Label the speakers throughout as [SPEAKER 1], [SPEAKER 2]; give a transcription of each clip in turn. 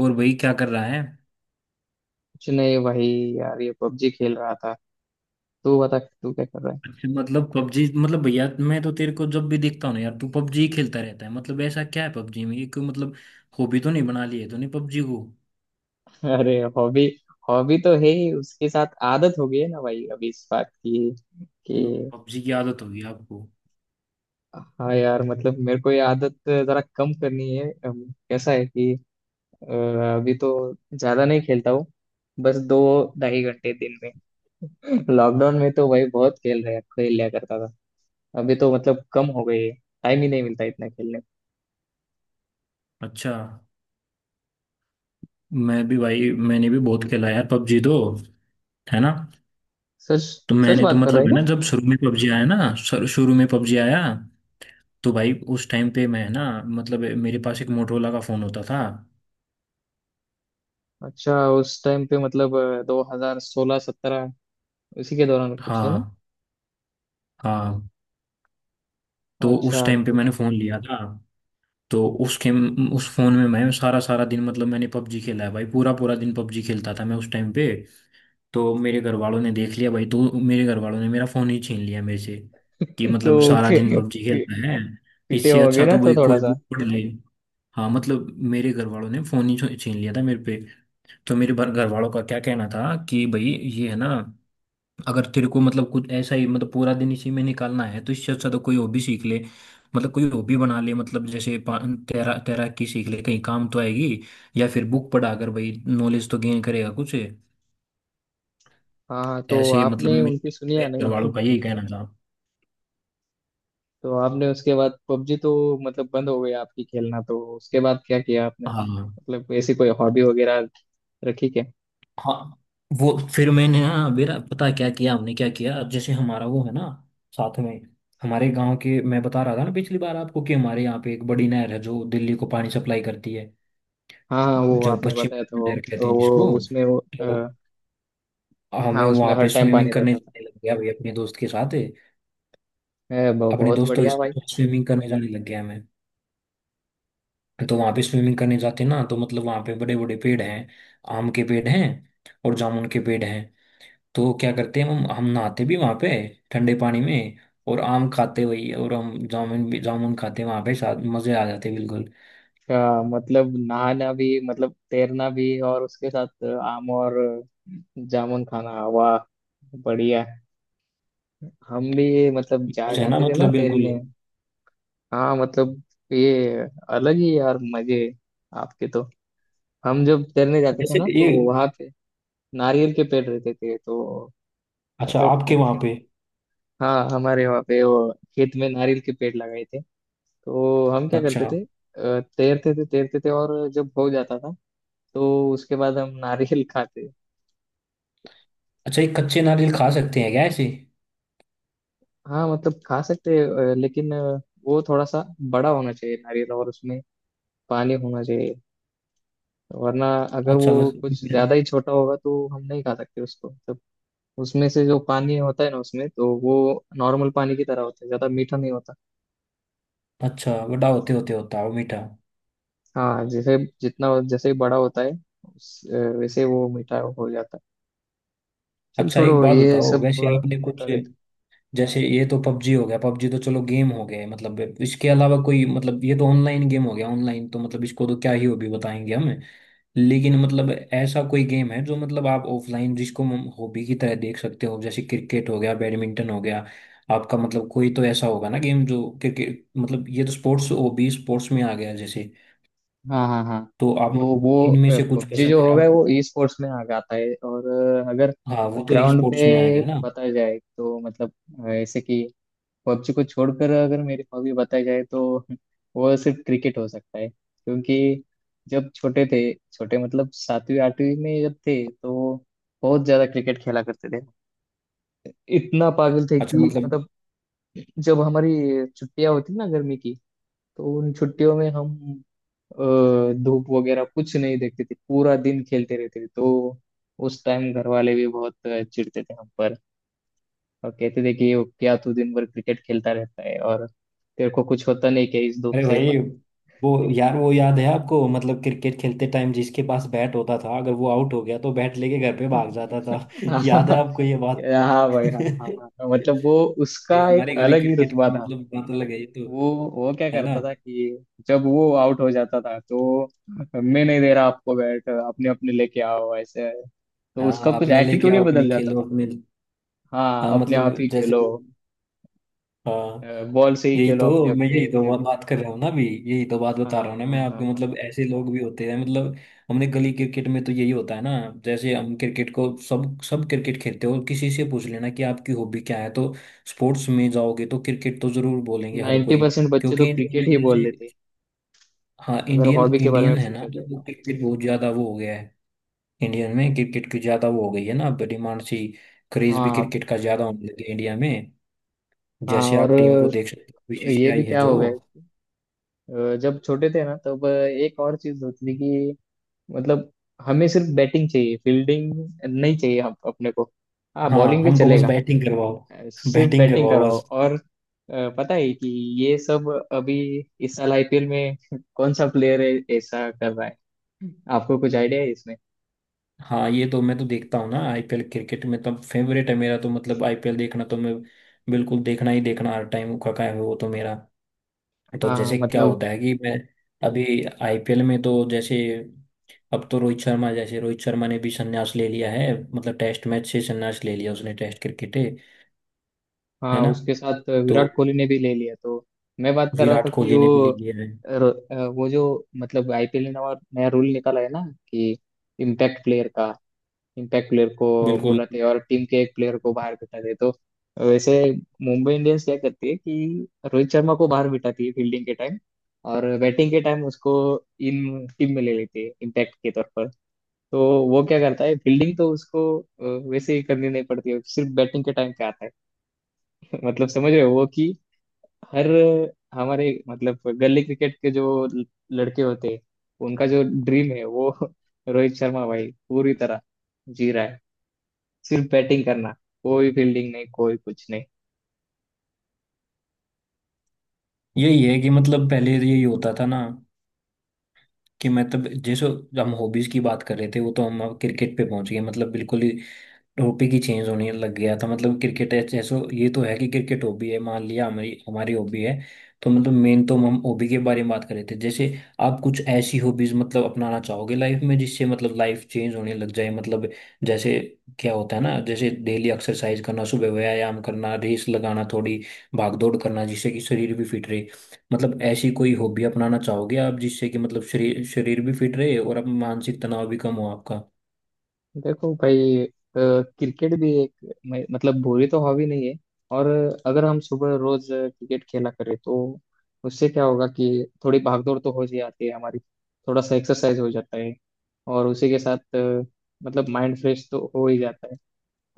[SPEAKER 1] और भाई क्या कर रहा है।
[SPEAKER 2] कुछ नहीं भाई। यार ये पबजी खेल रहा था। तू बता, तू क्या कर रहा
[SPEAKER 1] अच्छा, मतलब पबजी मतलब भैया मैं तो तेरे को जब भी देखता हूँ ना यार, तू पबजी खेलता रहता है। मतलब ऐसा क्या है पबजी में, ये कोई मतलब हॉबी तो नहीं बना ली है तूने पबजी को।
[SPEAKER 2] है। अरे हॉबी, हॉबी तो है ही। उसके साथ आदत हो गई है ना भाई, अभी इस बात की कि
[SPEAKER 1] पबजी की आदत होगी आपको।
[SPEAKER 2] हाँ यार, मतलब मेरे को ये आदत जरा कम करनी है। कैसा है कि अ, अभी तो ज्यादा नहीं खेलता हूँ। बस 2 2.5 घंटे दिन में। लॉकडाउन में तो भाई बहुत खेल लिया करता था। अभी तो मतलब कम हो गई है, टाइम ही नहीं मिलता इतना खेलने को।
[SPEAKER 1] अच्छा। मैं भी भाई, मैंने भी बहुत खेला यार पबजी तो, है ना।
[SPEAKER 2] सच।
[SPEAKER 1] तो
[SPEAKER 2] सच
[SPEAKER 1] मैंने तो
[SPEAKER 2] बात कर
[SPEAKER 1] मतलब
[SPEAKER 2] रहे।
[SPEAKER 1] है ना, जब शुरू में पबजी आया ना, शुरू शुरू में पबजी आया तो भाई उस टाइम पे मैं ना मतलब मेरे पास एक मोटरोला का फोन होता था।
[SPEAKER 2] अच्छा, उस टाइम पे मतलब 2016-17 उसी के दौरान कुछ है ना।
[SPEAKER 1] हाँ हाँ। तो उस
[SPEAKER 2] अच्छा
[SPEAKER 1] टाइम पे मैंने फोन लिया था। तो उस गेम उस फोन में मैं सारा सारा दिन मतलब मैंने पबजी खेला है भाई, पूरा पूरा दिन पबजी खेलता था मैं उस टाइम पे। तो मेरे घर वालों ने देख लिया भाई, तो मेरे घर वालों ने मेरा फोन ही छीन लिया मेरे से कि मतलब
[SPEAKER 2] तो
[SPEAKER 1] सारा दिन पबजी
[SPEAKER 2] पी,
[SPEAKER 1] खेलता है।
[SPEAKER 2] पीटे
[SPEAKER 1] इससे
[SPEAKER 2] होंगे
[SPEAKER 1] अच्छा
[SPEAKER 2] ना
[SPEAKER 1] तो भाई
[SPEAKER 2] तो थोड़ा
[SPEAKER 1] कोई
[SPEAKER 2] सा।
[SPEAKER 1] बुक पढ़ ले। हाँ मतलब मेरे घर वालों ने फोन ही छीन लिया था मेरे पे। तो मेरे घर वालों का क्या कहना था कि भाई, ये है ना, अगर तेरे को मतलब कुछ ऐसा ही मतलब पूरा दिन इसी में निकालना है तो इससे अच्छा तो कोई हॉबी सीख ले, मतलब कोई हॉबी बना ले, मतलब जैसे तैराकी सीख ले, कहीं काम तो आएगी। या फिर बुक पढ़ा कर भाई, नॉलेज तो गेन करेगा कुछ।
[SPEAKER 2] हाँ हाँ, तो
[SPEAKER 1] ऐसे मतलब
[SPEAKER 2] आपने
[SPEAKER 1] मेरे
[SPEAKER 2] उनकी सुनी या
[SPEAKER 1] मेरे घर
[SPEAKER 2] नहीं।
[SPEAKER 1] वालों का यही कहना था।
[SPEAKER 2] तो आपने उसके बाद पबजी तो मतलब बंद हो गई आपकी खेलना, तो उसके बाद क्या किया आपने?
[SPEAKER 1] हाँ
[SPEAKER 2] मतलब ऐसी कोई हॉबी वगैरह रखी क्या?
[SPEAKER 1] हाँ। वो फिर मैंने ना, मेरा पता क्या किया, हमने क्या किया, जैसे हमारा वो है ना, साथ में, हमारे गांव के, मैं बता रहा था ना पिछली बार आपको कि हमारे यहाँ पे एक बड़ी नहर है जो दिल्ली को पानी सप्लाई करती है,
[SPEAKER 2] हाँ हाँ, वो
[SPEAKER 1] जो
[SPEAKER 2] आपने बताया था
[SPEAKER 1] पश्चिम
[SPEAKER 2] वो।
[SPEAKER 1] लहर कहते हैं
[SPEAKER 2] वो
[SPEAKER 1] जिसको।
[SPEAKER 2] उसमें वो,
[SPEAKER 1] तो
[SPEAKER 2] अ, हाँ
[SPEAKER 1] हमें
[SPEAKER 2] उसमें
[SPEAKER 1] वहां
[SPEAKER 2] हर
[SPEAKER 1] पे
[SPEAKER 2] टाइम
[SPEAKER 1] स्विमिंग
[SPEAKER 2] पानी
[SPEAKER 1] करने
[SPEAKER 2] रहता था।
[SPEAKER 1] जाने लग गया भाई अपने दोस्त के साथ, अपने
[SPEAKER 2] बहुत
[SPEAKER 1] दोस्तों के
[SPEAKER 2] बढ़िया भाई।
[SPEAKER 1] साथ स्विमिंग करने जाने लग गया मैं। तो वहां पे स्विमिंग करने जाते ना तो मतलब वहां पे बड़े बड़े पेड़ हैं, आम के पेड़ हैं और जामुन के पेड़ हैं। तो क्या करते हैं, हम नहाते भी वहां पे, ठंडे पानी में, और आम खाते वही, और हम जामुन भी जामुन खाते वहां पे साथ, मजे आ जाते बिल्कुल।
[SPEAKER 2] क्या मतलब, नहाना भी मतलब तैरना भी और उसके साथ आम और जामुन खाना, वाह बढ़िया। हम भी मतलब जा
[SPEAKER 1] कुछ है ना,
[SPEAKER 2] जाते थे ना
[SPEAKER 1] मतलब बिल्कुल।
[SPEAKER 2] तैरने। हाँ मतलब ये अलग ही यार मजे आपके तो। हम जब तैरने जाते थे
[SPEAKER 1] जैसे
[SPEAKER 2] ना
[SPEAKER 1] ये,
[SPEAKER 2] तो वहां पे नारियल के पेड़ रहते थे तो
[SPEAKER 1] अच्छा
[SPEAKER 2] मतलब
[SPEAKER 1] आपके वहां पे।
[SPEAKER 2] हाँ हमारे वहाँ पे वो खेत में नारियल के पेड़ लगाए थे। तो हम क्या
[SPEAKER 1] अच्छा।
[SPEAKER 2] करते थे, तैरते थे तैरते थे और जब हो जाता था तो उसके बाद हम नारियल खाते।
[SPEAKER 1] अच्छा, ये कच्चे नारियल खा सकते हैं क्या ऐसे?
[SPEAKER 2] हाँ मतलब खा सकते हैं। लेकिन वो थोड़ा सा बड़ा होना चाहिए नारियल और उसमें पानी होना चाहिए। वरना अगर वो
[SPEAKER 1] अच्छा बस।
[SPEAKER 2] कुछ ज्यादा ही छोटा होगा तो हम नहीं खा सकते उसको। मतलब उसमें से जो पानी होता है ना, उसमें तो वो नॉर्मल पानी की तरह होता है, ज्यादा मीठा नहीं होता।
[SPEAKER 1] अच्छा, बड़ा होते होते होता है वो मीठा।
[SPEAKER 2] हाँ जैसे जितना जैसे ही बड़ा होता है उस, वैसे वो मीठा हो जाता है। चल
[SPEAKER 1] अच्छा एक
[SPEAKER 2] छोड़ो
[SPEAKER 1] बात
[SPEAKER 2] ये
[SPEAKER 1] बताओ,
[SPEAKER 2] सब,
[SPEAKER 1] वैसे आपने
[SPEAKER 2] होता
[SPEAKER 1] कुछ,
[SPEAKER 2] रहता है।
[SPEAKER 1] जैसे ये तो पबजी हो गया, पबजी तो चलो गेम हो गए, मतलब इसके अलावा कोई, मतलब ये तो ऑनलाइन गेम हो गया, ऑनलाइन तो मतलब इसको तो क्या ही हॉबी बताएंगे हम। लेकिन मतलब ऐसा कोई गेम है जो, मतलब आप ऑफलाइन, जिसको हम हॉबी की तरह देख सकते हो, जैसे क्रिकेट हो गया, बैडमिंटन हो गया आपका, मतलब कोई तो ऐसा होगा ना गेम, जो क्रिकेट, मतलब ये तो स्पोर्ट्स हॉबी, स्पोर्ट्स में आ गया जैसे।
[SPEAKER 2] हाँ हाँ हाँ।
[SPEAKER 1] तो आप
[SPEAKER 2] तो
[SPEAKER 1] मतलब,
[SPEAKER 2] वो
[SPEAKER 1] इनमें से कुछ
[SPEAKER 2] पबजी
[SPEAKER 1] पसंद
[SPEAKER 2] जो
[SPEAKER 1] है
[SPEAKER 2] होगा
[SPEAKER 1] आपको?
[SPEAKER 2] वो ई स्पोर्ट्स में आ जाता है। और अगर
[SPEAKER 1] हाँ वो तो ई
[SPEAKER 2] ग्राउंड
[SPEAKER 1] स्पोर्ट्स में आ
[SPEAKER 2] पे
[SPEAKER 1] गया ना।
[SPEAKER 2] बताया जाए तो मतलब ऐसे कि पबजी को छोड़कर अगर मेरी हॉबी बताई जाए तो वो सिर्फ क्रिकेट हो सकता है क्योंकि जब छोटे थे, छोटे मतलब सातवीं आठवीं में जब थे, तो बहुत ज्यादा क्रिकेट खेला करते थे। इतना पागल थे
[SPEAKER 1] अच्छा
[SPEAKER 2] कि
[SPEAKER 1] मतलब।
[SPEAKER 2] मतलब जब हमारी छुट्टियां होती ना गर्मी की, तो उन छुट्टियों में हम धूप वगैरह कुछ नहीं देखते थे, पूरा दिन खेलते रहते थे। तो उस टाइम घर वाले भी बहुत चिढ़ते थे हम पर और कहते थे कि "ओ, क्या तू दिन भर क्रिकेट खेलता रहता है और तेरे को कुछ होता नहीं क्या इस धूप
[SPEAKER 1] अरे
[SPEAKER 2] से"।
[SPEAKER 1] भाई, वो, यार वो याद है आपको मतलब क्रिकेट खेलते टाइम, जिसके पास बैट होता था अगर वो आउट हो गया तो बैट लेके घर पे भाग जाता था याद है
[SPEAKER 2] हाँ
[SPEAKER 1] आपको ये बात
[SPEAKER 2] हाँ भाई, हाँ हाँ हाँ, मतलब वो
[SPEAKER 1] ये
[SPEAKER 2] उसका एक
[SPEAKER 1] हमारे गली
[SPEAKER 2] अलग ही
[SPEAKER 1] क्रिकेट
[SPEAKER 2] रुतबा
[SPEAKER 1] की
[SPEAKER 2] था।
[SPEAKER 1] मतलब बात अलग है ये तो,
[SPEAKER 2] वो वो क्या
[SPEAKER 1] है ना।
[SPEAKER 2] करता था कि जब वो आउट हो जाता था तो मैं नहीं दे रहा आपको बैट, अपने अपने लेके आओ ऐसे। तो उसका
[SPEAKER 1] हाँ
[SPEAKER 2] कुछ
[SPEAKER 1] अपना लेके
[SPEAKER 2] एटीट्यूड ही
[SPEAKER 1] आओ, अपने
[SPEAKER 2] बदल जाता
[SPEAKER 1] खेलो
[SPEAKER 2] था।
[SPEAKER 1] अपने। हाँ
[SPEAKER 2] हाँ अपने आप
[SPEAKER 1] मतलब
[SPEAKER 2] ही
[SPEAKER 1] जैसे,
[SPEAKER 2] खेलो,
[SPEAKER 1] हाँ,
[SPEAKER 2] बॉल से ही
[SPEAKER 1] यही
[SPEAKER 2] खेलो
[SPEAKER 1] तो
[SPEAKER 2] अपने
[SPEAKER 1] मैं, यही
[SPEAKER 2] अपने
[SPEAKER 1] तो
[SPEAKER 2] सिर्फ।
[SPEAKER 1] बात कर रहा हूँ ना अभी, यही तो बात बता
[SPEAKER 2] हाँ
[SPEAKER 1] रहा हूँ ना मैं
[SPEAKER 2] हाँ
[SPEAKER 1] आपको,
[SPEAKER 2] हाँ हाँ,
[SPEAKER 1] मतलब ऐसे लोग भी होते हैं मतलब। हमने गली क्रिकेट में तो यही होता है ना। जैसे हम क्रिकेट को सब सब क्रिकेट खेलते हो, किसी से पूछ लेना कि आपकी हॉबी क्या है तो, स्पोर्ट्स में जाओगे तो क्रिकेट तो जरूर बोलेंगे हर
[SPEAKER 2] नाइन्टी
[SPEAKER 1] कोई।
[SPEAKER 2] परसेंट बच्चे तो
[SPEAKER 1] क्योंकि इंडिया में
[SPEAKER 2] क्रिकेट ही बोल
[SPEAKER 1] जैसे,
[SPEAKER 2] देते हैं,
[SPEAKER 1] हाँ
[SPEAKER 2] अगर
[SPEAKER 1] इंडियन
[SPEAKER 2] हॉबी के बारे में
[SPEAKER 1] इंडियन है ना,
[SPEAKER 2] पूछा
[SPEAKER 1] तो
[SPEAKER 2] जाए
[SPEAKER 1] वो
[SPEAKER 2] तो।
[SPEAKER 1] क्रिकेट बहुत ज्यादा वो हो गया है। इंडियन में क्रिकेट की ज्यादा वो हो गई है ना अब, डिमांड सी। क्रेज भी
[SPEAKER 2] हाँ
[SPEAKER 1] क्रिकेट का ज्यादा होने लगे इंडिया में।
[SPEAKER 2] हाँ।
[SPEAKER 1] जैसे
[SPEAKER 2] और
[SPEAKER 1] आप टीम को देख सकते हो,
[SPEAKER 2] ये
[SPEAKER 1] बीसीसीआई
[SPEAKER 2] भी
[SPEAKER 1] है
[SPEAKER 2] क्या
[SPEAKER 1] जो।
[SPEAKER 2] हो गया, जब छोटे थे ना तब एक और चीज होती थी। मतलब हमें सिर्फ बैटिंग चाहिए, फील्डिंग नहीं चाहिए, हम अपने को। हाँ
[SPEAKER 1] हाँ
[SPEAKER 2] बॉलिंग भी
[SPEAKER 1] हमको बस
[SPEAKER 2] चलेगा,
[SPEAKER 1] बैटिंग करवाओ,
[SPEAKER 2] सिर्फ
[SPEAKER 1] बैटिंग
[SPEAKER 2] बैटिंग
[SPEAKER 1] करवाओ
[SPEAKER 2] कराओ।
[SPEAKER 1] बस।
[SPEAKER 2] और पता है कि ये सब अभी इस साल आईपीएल में कौन सा प्लेयर है ऐसा कर रहा है? आपको कुछ आइडिया है इसमें?
[SPEAKER 1] हाँ ये तो मैं तो देखता हूँ ना आईपीएल, क्रिकेट में तो फेवरेट है मेरा तो, मतलब आईपीएल देखना तो मैं बिल्कुल, देखना ही देखना हर टाइम का काम है वो तो मेरा। तो
[SPEAKER 2] हाँ
[SPEAKER 1] जैसे क्या
[SPEAKER 2] मतलब
[SPEAKER 1] होता है कि मैं अभी आईपीएल में तो जैसे अब तो रोहित शर्मा, जैसे रोहित शर्मा ने भी संन्यास ले लिया है, मतलब टेस्ट मैच से संन्यास ले लिया उसने, टेस्ट क्रिकेट है
[SPEAKER 2] हाँ,
[SPEAKER 1] ना।
[SPEAKER 2] उसके साथ
[SPEAKER 1] तो
[SPEAKER 2] विराट कोहली ने भी ले लिया तो। मैं बात कर रहा
[SPEAKER 1] विराट
[SPEAKER 2] था कि
[SPEAKER 1] कोहली ने भी
[SPEAKER 2] वो
[SPEAKER 1] ले लिया है।
[SPEAKER 2] वो जो मतलब आईपीएल ने नया रूल निकाला है ना कि इम्पैक्ट प्लेयर का, इम्पैक्ट प्लेयर को
[SPEAKER 1] बिल्कुल।
[SPEAKER 2] बुलाते हैं और टीम के एक प्लेयर को बाहर बिठाते हैं। तो वैसे मुंबई इंडियंस क्या करती है कि रोहित शर्मा को बाहर बिठाती है फील्डिंग के टाइम, और बैटिंग के टाइम उसको इन टीम में ले लेती है इम्पैक्ट के तौर पर। तो वो क्या करता है, फील्डिंग तो उसको वैसे ही करनी नहीं पड़ती है, सिर्फ बैटिंग के टाइम पे आता है। मतलब समझ रहे हो वो कि हर हमारे मतलब गली क्रिकेट के जो लड़के होते हैं, उनका जो ड्रीम है वो रोहित शर्मा भाई पूरी तरह जी रहा है। सिर्फ बैटिंग करना, कोई फील्डिंग नहीं, कोई कुछ नहीं।
[SPEAKER 1] यही है कि मतलब पहले तो यही होता था ना, कि मतलब जैसे हम हॉबीज की बात कर रहे थे, वो तो हम अब क्रिकेट पे पहुंच गए, मतलब बिल्कुल ही हॉबी की चेंज होने लग गया था, मतलब क्रिकेट है जैसे, ये तो है कि क्रिकेट हॉबी है, मान लिया हमारी हमारी हॉबी है। तो मतलब मेन तो हम हॉबी के बारे में बात कर रहे थे, जैसे आप कुछ ऐसी हॉबीज मतलब अपनाना चाहोगे लाइफ में, जिससे मतलब लाइफ चेंज होने लग जाए मतलब, जैसे क्या होता है ना, जैसे डेली एक्सरसाइज करना, सुबह व्यायाम करना, रेस लगाना थोड़ी, भाग दौड़ करना, जिससे कि शरीर भी फिट रहे, मतलब ऐसी कोई हॉबी अपनाना चाहोगे आप, जिससे कि मतलब शरीर शरीर भी फिट रहे और आप, मानसिक तनाव भी कम हो आपका।
[SPEAKER 2] देखो भाई, क्रिकेट भी एक मतलब बुरी तो हॉबी नहीं है। और अगर हम सुबह रोज क्रिकेट खेला करें तो उससे क्या होगा कि थोड़ी भागदौड़ तो हो ही जाती है हमारी, थोड़ा सा एक्सरसाइज हो जाता है। और उसी के साथ मतलब माइंड फ्रेश तो हो ही जाता है।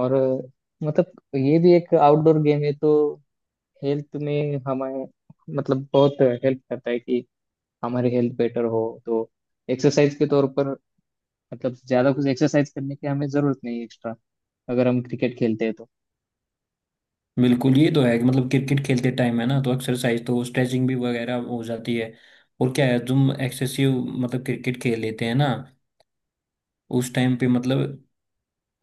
[SPEAKER 2] और मतलब ये भी एक आउटडोर गेम है तो हेल्थ में हमें मतलब बहुत हेल्प करता है कि हमारी हेल्थ बेटर हो। तो एक्सरसाइज के तौर पर मतलब ज्यादा कुछ एक्सरसाइज करने की हमें जरूरत नहीं है एक्स्ट्रा, अगर हम क्रिकेट खेलते हैं तो।
[SPEAKER 1] बिल्कुल, ये तो है कि मतलब क्रिकेट खेलते टाइम है ना, तो एक्सरसाइज तो स्ट्रेचिंग भी वगैरह हो जाती है। और क्या है, तुम एक्सेसिव मतलब क्रिकेट खेल लेते हैं ना, उस टाइम पे मतलब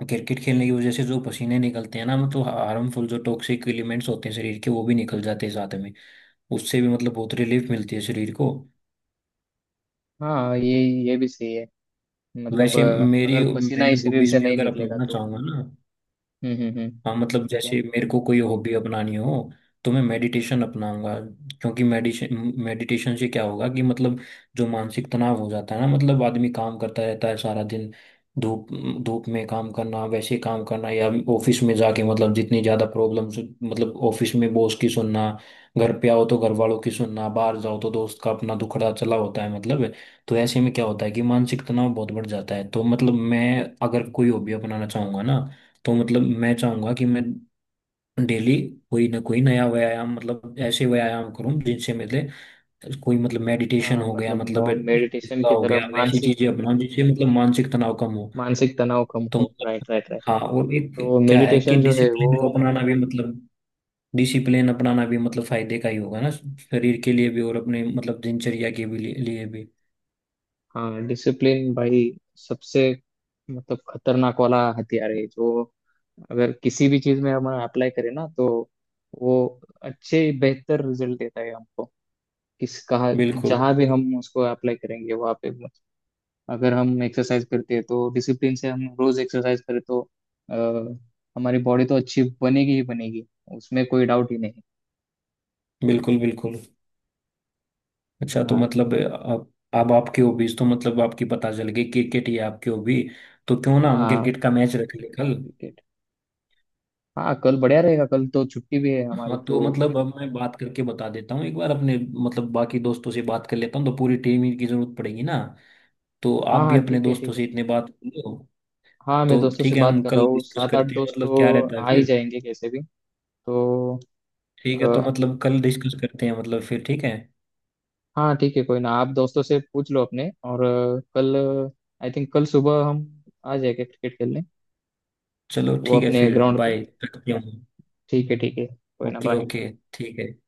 [SPEAKER 1] क्रिकेट खेलने की वजह से जो पसीने निकलते हैं ना, मतलब हार्मफुल जो टॉक्सिक एलिमेंट्स होते हैं शरीर के वो भी निकल जाते हैं साथ में। उससे भी मतलब बहुत रिलीफ मिलती है शरीर को।
[SPEAKER 2] हाँ ये भी सही है। मतलब
[SPEAKER 1] वैसे मेरी,
[SPEAKER 2] अगर पसीना
[SPEAKER 1] मैं
[SPEAKER 2] ही शरीर
[SPEAKER 1] हॉबीज
[SPEAKER 2] से
[SPEAKER 1] में
[SPEAKER 2] नहीं
[SPEAKER 1] अगर
[SPEAKER 2] निकलेगा
[SPEAKER 1] अपनाना
[SPEAKER 2] तो।
[SPEAKER 1] चाहूंगा ना,
[SPEAKER 2] हम्म।
[SPEAKER 1] हाँ
[SPEAKER 2] तो
[SPEAKER 1] मतलब
[SPEAKER 2] ठीक है।
[SPEAKER 1] जैसे मेरे को कोई हॉबी अपनानी हो, तो मैं मेडिटेशन अपनाऊंगा। क्योंकि मेडिटेशन, मेडिटेशन से क्या होगा कि मतलब जो मानसिक तनाव हो जाता है ना, मतलब आदमी काम करता रहता है सारा दिन, धूप धूप में काम करना, वैसे काम करना, या ऑफिस में जाके, मतलब जितनी ज़्यादा प्रॉब्लम्स, मतलब ऑफिस में बॉस की सुनना, घर पे आओ तो घर वालों की सुनना, बाहर जाओ तो दोस्त का अपना दुखड़ा चला होता है मतलब। तो ऐसे में क्या होता है कि मानसिक तनाव बहुत बढ़ जाता है, तो मतलब मैं अगर कोई हॉबी अपनाना चाहूंगा ना, तो मतलब मैं चाहूंगा कि मैं डेली कोई ना कोई नया व्यायाम, मतलब ऐसे व्यायाम करूं जिनसे मेरे, कोई मतलब मेडिटेशन
[SPEAKER 2] हाँ
[SPEAKER 1] हो गया,
[SPEAKER 2] मतलब
[SPEAKER 1] मतलब
[SPEAKER 2] मेडिटेशन
[SPEAKER 1] योगा
[SPEAKER 2] की
[SPEAKER 1] हो
[SPEAKER 2] तरह
[SPEAKER 1] गया, वैसी
[SPEAKER 2] मानसिक,
[SPEAKER 1] चीजें अपनाऊं जिससे मतलब मानसिक तनाव कम हो।
[SPEAKER 2] मानसिक तनाव कम
[SPEAKER 1] तो
[SPEAKER 2] हो,
[SPEAKER 1] मतलब,
[SPEAKER 2] राइट राइट राइट।
[SPEAKER 1] हाँ और एक
[SPEAKER 2] तो
[SPEAKER 1] क्या है कि
[SPEAKER 2] मेडिटेशन जो है वो
[SPEAKER 1] डिसिप्लिन को अपनाना भी मतलब, डिसिप्लिन अपनाना भी मतलब फायदे का ही होगा ना, शरीर के लिए भी और अपने मतलब दिनचर्या के भी लिए लिए भी।
[SPEAKER 2] हाँ डिसिप्लिन भाई सबसे मतलब खतरनाक वाला हथियार है, जो अगर किसी भी चीज में हम अप्लाई करें ना तो वो अच्छे बेहतर रिजल्ट देता है हमको, किस कहा
[SPEAKER 1] बिल्कुल
[SPEAKER 2] जहाँ भी हम उसको अप्लाई करेंगे वहाँ पे। अगर हम एक्सरसाइज करते हैं तो डिसिप्लिन से हम रोज एक्सरसाइज करें तो अ, हमारी बॉडी तो अच्छी बनेगी ही बनेगी, उसमें कोई डाउट ही नहीं।
[SPEAKER 1] बिल्कुल बिल्कुल। अच्छा, तो
[SPEAKER 2] हाँ।
[SPEAKER 1] मतलब अब आपकी हॉबीज तो मतलब आपकी पता चल गई, क्रिकेट ही है आपकी हॉबी। तो क्यों ना हम
[SPEAKER 2] हाँ
[SPEAKER 1] क्रिकेट का मैच रख ले कल।
[SPEAKER 2] क्रिकेट, हाँ कल बढ़िया रहेगा, कल तो छुट्टी भी है हमारी
[SPEAKER 1] हाँ तो
[SPEAKER 2] तो।
[SPEAKER 1] मतलब अब मैं बात करके बता देता हूँ एक बार अपने, मतलब बाकी दोस्तों से बात कर लेता हूँ, तो पूरी टीम ही की जरूरत पड़ेगी ना, तो आप
[SPEAKER 2] हाँ
[SPEAKER 1] भी
[SPEAKER 2] हाँ
[SPEAKER 1] अपने
[SPEAKER 2] ठीक है
[SPEAKER 1] दोस्तों
[SPEAKER 2] ठीक है।
[SPEAKER 1] से इतने बात कर लो।
[SPEAKER 2] हाँ मैं
[SPEAKER 1] तो
[SPEAKER 2] दोस्तों से
[SPEAKER 1] ठीक है,
[SPEAKER 2] बात
[SPEAKER 1] हम
[SPEAKER 2] कर रहा
[SPEAKER 1] कल
[SPEAKER 2] हूँ,
[SPEAKER 1] डिस्कस
[SPEAKER 2] सात आठ
[SPEAKER 1] करते हैं
[SPEAKER 2] दोस्त
[SPEAKER 1] मतलब, क्या
[SPEAKER 2] तो
[SPEAKER 1] रहता है
[SPEAKER 2] आ ही
[SPEAKER 1] फिर,
[SPEAKER 2] जाएंगे कैसे भी। तो
[SPEAKER 1] ठीक है, तो
[SPEAKER 2] अ,
[SPEAKER 1] मतलब कल डिस्कस करते हैं मतलब फिर, ठीक है।
[SPEAKER 2] हाँ ठीक है, कोई ना आप दोस्तों से पूछ लो अपने, और कल आई थिंक कल सुबह हम आ जाएंगे क्रिकेट खेलने,
[SPEAKER 1] चलो
[SPEAKER 2] वो
[SPEAKER 1] ठीक है,
[SPEAKER 2] अपने
[SPEAKER 1] फिर
[SPEAKER 2] ग्राउंड पे।
[SPEAKER 1] बाय। रखते हूँ।
[SPEAKER 2] ठीक है कोई ना
[SPEAKER 1] ओके
[SPEAKER 2] बाय।
[SPEAKER 1] ओके ठीक है कर।